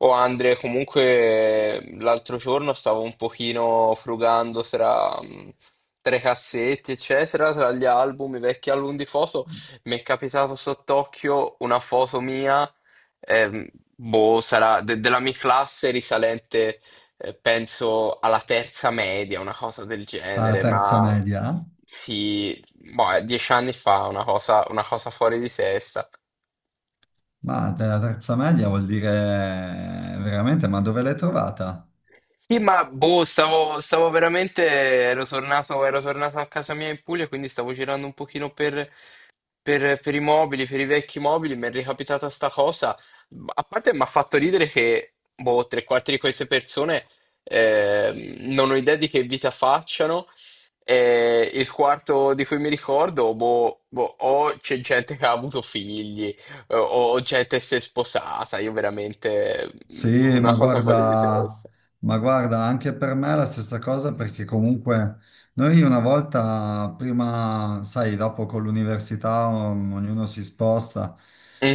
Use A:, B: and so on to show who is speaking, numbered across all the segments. A: Oh Andre, comunque l'altro giorno stavo un pochino frugando tra i cassetti, eccetera, tra gli album, i vecchi album di foto, mi è capitato sott'occhio una foto mia, ehm, boh, sarà della mia classe risalente, penso alla terza media, una cosa del
B: Alla
A: genere,
B: terza
A: ma
B: media?
A: sì, boh, è dieci anni fa, una cosa fuori di testa.
B: Ma della terza media vuol dire veramente, ma dove l'hai trovata?
A: Sì, ma boh, stavo veramente, ero tornato a casa mia in Puglia, quindi stavo girando un pochino per, per i mobili, per i vecchi mobili, mi è ricapitata sta cosa. A parte mi ha fatto ridere che, boh, tre quarti di queste persone non ho idea di che vita facciano, e il quarto di cui mi ricordo, boh, o c'è gente che ha avuto figli, o gente che si è sposata, io veramente,
B: Sì,
A: una cosa fuori di testa.
B: ma guarda, anche per me è la stessa cosa perché comunque noi una volta, prima, sai, dopo con l'università ognuno si sposta,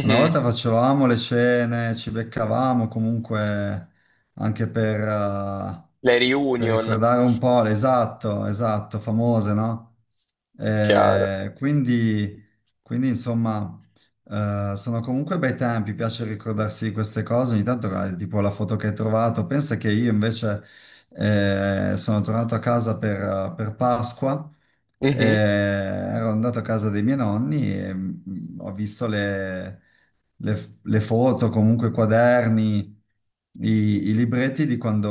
B: una volta facevamo le cene, ci beccavamo comunque anche
A: Le
B: per
A: reunion,
B: ricordare un po', esatto, esatto, famose, no?
A: chiaro.
B: Eh, quindi, quindi, insomma. Sono comunque bei tempi, piace ricordarsi di queste cose. Ogni tanto, guarda, tipo la foto che hai trovato. Pensa che io invece sono tornato a casa per Pasqua.
A: Mhm.
B: Ero andato a casa dei miei nonni e ho visto le foto, comunque i quaderni, i, i libretti di quando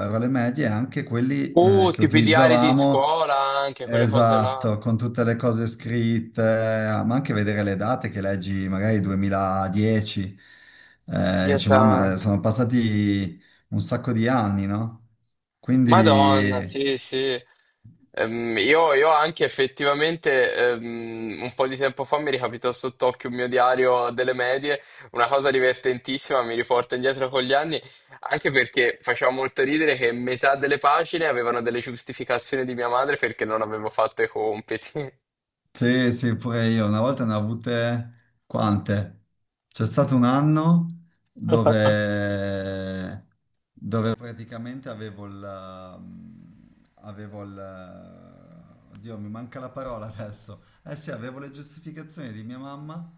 B: ero alle medie e anche quelli che
A: Tipo i diari di
B: utilizzavamo.
A: scuola anche, quelle cose là.
B: Esatto, con tutte le cose scritte, ma anche vedere le date che leggi, magari 2010,
A: Dio
B: dici, mamma,
A: santo.
B: sono passati un sacco di anni, no?
A: Madonna,
B: Quindi,
A: sì, sì. Io anche effettivamente un po' di tempo fa mi ricapitò sott'occhio un mio diario delle medie, una cosa divertentissima, mi riporta indietro con gli anni, anche perché faceva molto ridere che metà delle pagine avevano delle giustificazioni di mia madre perché non avevo fatto i compiti.
B: sì, sì, pure io, una volta ne ho avute quante? C'è stato un anno dove praticamente avevo il... Oddio, mi manca la parola adesso. Eh sì, avevo le giustificazioni di mia mamma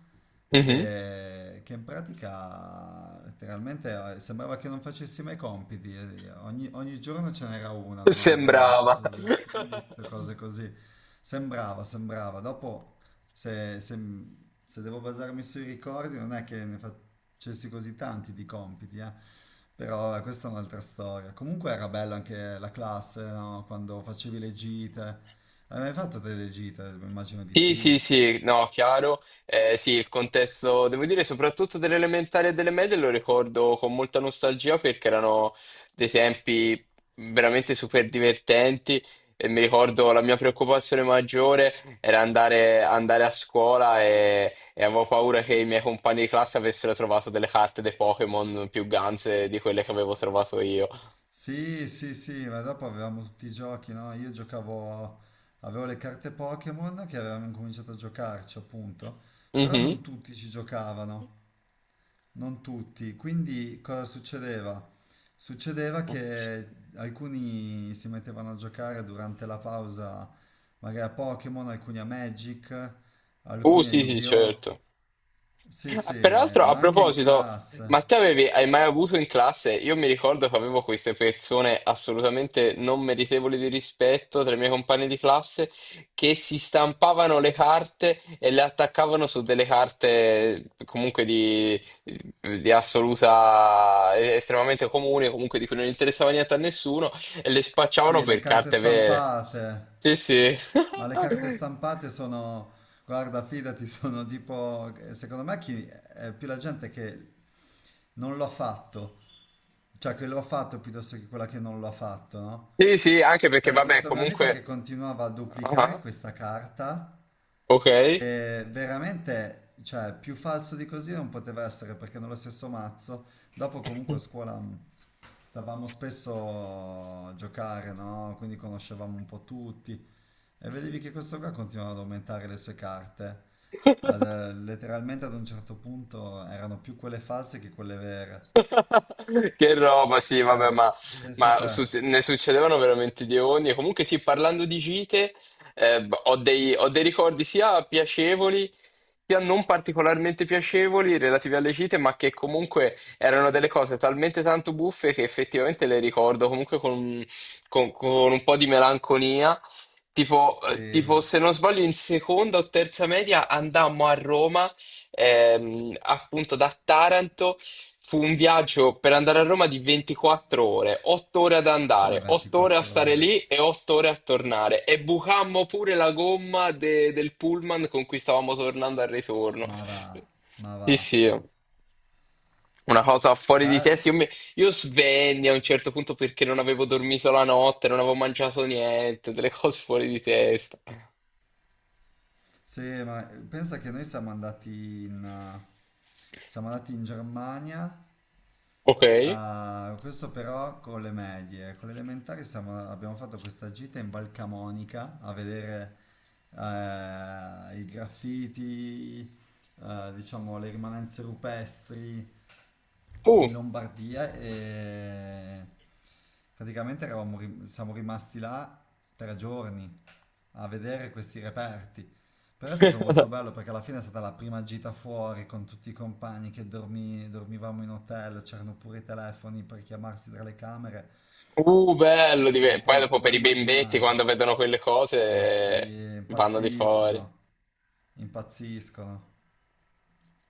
A: Mhm.
B: che in pratica letteralmente sembrava che non facessi mai compiti. Ogni giorno ce n'era una, non andrà, non ha
A: Sembrava.
B: fatto esercizio, cose così. Sembrava, sembrava. Dopo se, se- se devo basarmi sui ricordi, non è che ne facessi così tanti di compiti, eh. Però vabbè, questa è un'altra storia. Comunque era bella anche la classe, no? Quando facevi le gite. Hai mai fatto delle gite? Immagino di
A: Sì, sì,
B: sì.
A: sì, no, chiaro. Sì, il contesto, devo dire, soprattutto delle elementari e delle medie lo ricordo con molta nostalgia perché erano dei tempi veramente super divertenti e mi ricordo la mia preoccupazione maggiore era andare, andare a scuola e avevo paura che i miei compagni di classe avessero trovato delle carte dei Pokémon più ganze di quelle che avevo trovato io.
B: Sì, sì, sì, ma dopo avevamo tutti i giochi, no? Io giocavo, avevo le carte Pokémon che avevamo incominciato a giocarci, appunto, però
A: Mhm.
B: non tutti ci giocavano. Non tutti, quindi cosa succedeva? Succedeva che alcuni si mettevano a giocare durante la pausa, magari a Pokémon, alcuni a Magic, alcuni a
A: Sì, sì,
B: Yu-Gi-Oh!
A: certo.
B: Sì,
A: Ah,
B: sì,
A: peraltro, a
B: ma anche in
A: proposito, ma
B: classe.
A: te avevi, hai mai avuto in classe? Io mi ricordo che avevo queste persone assolutamente non meritevoli di rispetto tra i miei compagni di classe che si stampavano le carte e le attaccavano su delle carte comunque di assoluta, estremamente comune, comunque di cui non interessava niente a nessuno e le spacciavano
B: Sì, le
A: per
B: carte
A: carte vere.
B: stampate.
A: Sì, sì.
B: Ma le carte stampate sono, guarda, fidati, sono tipo, secondo me chi, è più la gente che non lo ha fatto, cioè che lo ha fatto piuttosto che quella che non lo ha fatto, no?
A: Sì, sì, anche perché
B: C'era
A: vabbè,
B: questo mio amico che
A: comunque...
B: continuava a
A: Ah,
B: duplicare
A: ah,
B: questa carta
A: ok.
B: che veramente, cioè, più falso di così non poteva essere perché nello stesso mazzo, dopo comunque a scuola stavamo spesso a giocare, no? Quindi conoscevamo un po' tutti e vedevi che questo qua continuava ad aumentare le sue carte. Letteralmente ad un certo punto erano più quelle false che quelle vere.
A: Che roba, sì,
B: Cioè,
A: vabbè, ma,
B: pensa a te,
A: ne succedevano veramente di ogni. E comunque, sì, parlando di gite, ho dei ricordi sia piacevoli, sia non particolarmente piacevoli relativi alle gite, ma che comunque erano delle cose talmente tanto buffe che effettivamente le ricordo comunque con, con un po' di melanconia. Tipo,
B: sì,
A: tipo, se non sbaglio, in seconda o terza media andammo a Roma. Ehm, appunto da Taranto. Fu un viaggio per andare a Roma di 24 ore, 8 ore ad
B: come
A: andare, 8 ore a
B: 24
A: stare
B: ore.
A: lì e 8 ore a tornare. E bucammo pure la gomma del pullman con cui stavamo tornando al ritorno.
B: Ma va, ma
A: Sì,
B: va.
A: sì, una cosa fuori di
B: Beh,
A: testa. Io svenni a un certo punto perché non avevo dormito la notte, non avevo mangiato niente, delle cose fuori di testa.
B: sì, ma pensa che noi siamo andati in Germania,
A: Ok.
B: questo però con le medie, con le elementari abbiamo fatto questa gita in Val Camonica a vedere i graffiti, diciamo le rimanenze rupestri
A: Uh.
B: in Lombardia e praticamente siamo rimasti là 3 giorni a vedere questi reperti. Però è stato molto bello perché alla fine è stata la prima gita fuori con tutti i compagni che dormivamo in hotel, c'erano pure i telefoni per chiamarsi tra le camere,
A: Bello!
B: ma
A: Poi
B: poi
A: dopo
B: puoi
A: per i bimbetti,
B: immaginare,
A: quando vedono quelle
B: ma sì,
A: cose, vanno di fuori.
B: impazziscono, impazziscono,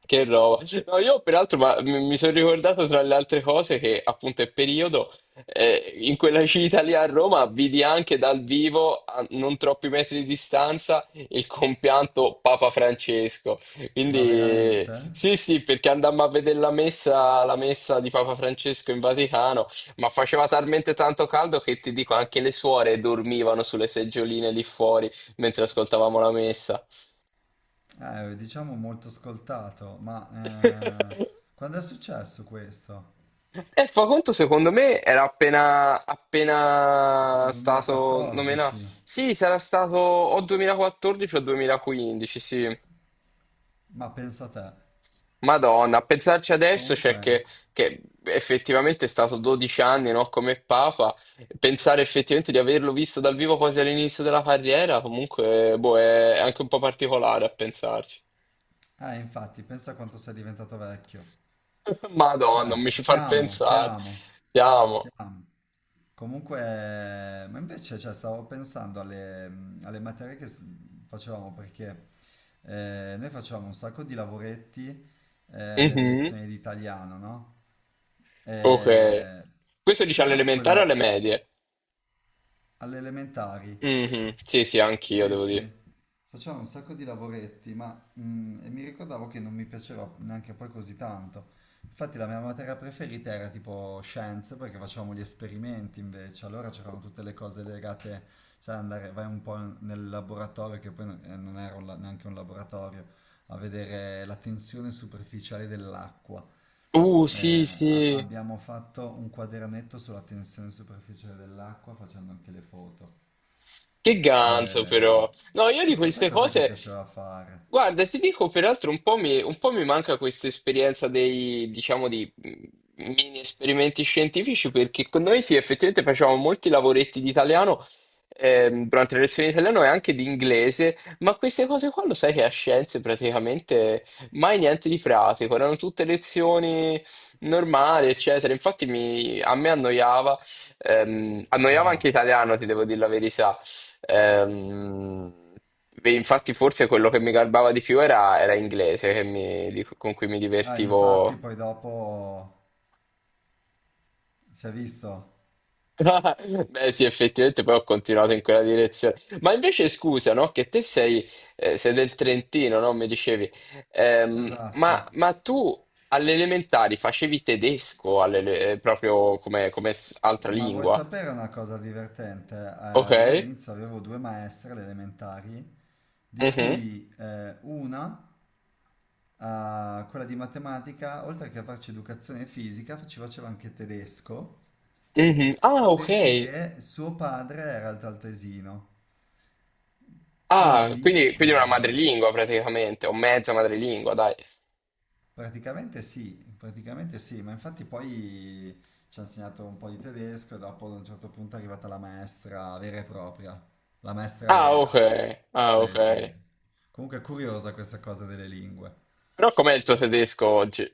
A: Che roba. No, io peraltro, ma mi sono ricordato tra le altre cose che appunto è periodo in quella gita lì a Roma vidi anche dal vivo, a non troppi metri di distanza, il compianto Papa Francesco.
B: ma
A: Quindi
B: veramente?
A: sì, sì, perché andammo a vedere la messa di Papa Francesco in Vaticano, ma faceva talmente tanto caldo che ti dico anche le suore dormivano sulle seggioline lì fuori mentre ascoltavamo la messa.
B: Diciamo molto ascoltato, ma quando è successo questo?
A: E fa conto, secondo me, era appena,
B: Tipo
A: appena stato nominato.
B: 2014?
A: Sì, sarà stato o 2014 o 2015, sì.
B: Ma pensa a te.
A: Madonna, a pensarci adesso
B: Comunque,
A: c'è che effettivamente è stato 12 anni, no, come Papa. Pensare effettivamente di averlo visto dal vivo quasi all'inizio della carriera, comunque, boh, è anche un po' particolare a pensarci.
B: infatti, pensa a quanto sei diventato vecchio.
A: Madonna, non mi ci far
B: Siamo,
A: pensare.
B: siamo,
A: Siamo.
B: siamo. Comunque, ma invece, cioè, stavo pensando alle, alle materie facevamo, perché noi facevamo un sacco di lavoretti nelle
A: Mhm,
B: lezioni di italiano, no?
A: ok.
B: Eh,
A: Questo dice alle
B: però
A: elementari o alle
B: quello
A: medie?
B: all'elementare
A: Mhm. Sì, sì, anch'io
B: sì,
A: devo
B: sì,
A: dire.
B: facevamo un sacco di lavoretti, ma e mi ricordavo che non mi piaceva neanche poi così tanto. Infatti la mia materia preferita era tipo scienze, perché facevamo gli esperimenti invece, allora c'erano tutte le cose legate, sai, andare, vai un po' nel laboratorio, che poi non era neanche un laboratorio, a vedere la tensione superficiale dell'acqua.
A: Sì, sì.
B: Abbiamo fatto un quadernetto sulla tensione superficiale dell'acqua facendo anche le foto.
A: Che ganzo
B: Eh,
A: però. No, io di
B: A te
A: queste
B: cos'è che
A: cose,
B: piaceva fare?
A: guarda, ti dico peraltro un po' mi manca questa esperienza dei, diciamo, di mini esperimenti scientifici perché con noi sì, effettivamente facevamo molti lavoretti di italiano durante le lezioni di italiano e anche di inglese, ma queste cose qua lo sai che a scienze praticamente mai niente di pratico, erano tutte lezioni normali, eccetera. Infatti a me annoiava.
B: Ma
A: Annoiava
B: va.
A: anche italiano, ti devo dire la verità. Ehm, beh, infatti forse quello che mi garbava di più era inglese, che con cui mi
B: Ah, infatti
A: divertivo.
B: poi dopo si è visto.
A: Beh, sì, effettivamente poi ho continuato in quella direzione. Ma invece scusa, no? Che te sei, sei del Trentino, no? Mi dicevi.
B: Esatto.
A: Ma tu alle elementari facevi tedesco proprio come, altra
B: Ma vuoi
A: lingua?
B: sapere una cosa divertente?
A: Ok?
B: Io all'inizio avevo due maestre alle elementari, di
A: Mhm.
B: cui una, quella di matematica, oltre che a farci educazione fisica, ci faceva anche tedesco,
A: Mhm. Ah, ok.
B: perché suo padre era il taltesino.
A: Ah,
B: Quindi,
A: quindi, quindi è una
B: ehm,
A: madrelingua praticamente, o mezza madrelingua, dai.
B: praticamente sì, praticamente sì, ma infatti poi ci ha insegnato un po' di tedesco e dopo ad un certo punto è arrivata la maestra vera e propria, la maestra
A: Ah, ok,
B: vera.
A: ah, ok.
B: Sì, sì. Comunque è curiosa questa cosa delle lingue.
A: Però com'è il tuo tedesco oggi?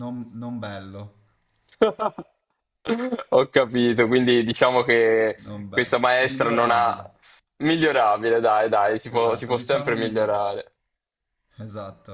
B: Non, non bello,
A: Ho capito, quindi diciamo che
B: non
A: questa
B: bello.
A: maestra non ha...
B: Migliorabile.
A: Migliorabile, dai, dai, si
B: Esatto,
A: può sempre
B: diciamo migliorabile.
A: migliorare.
B: Esatto.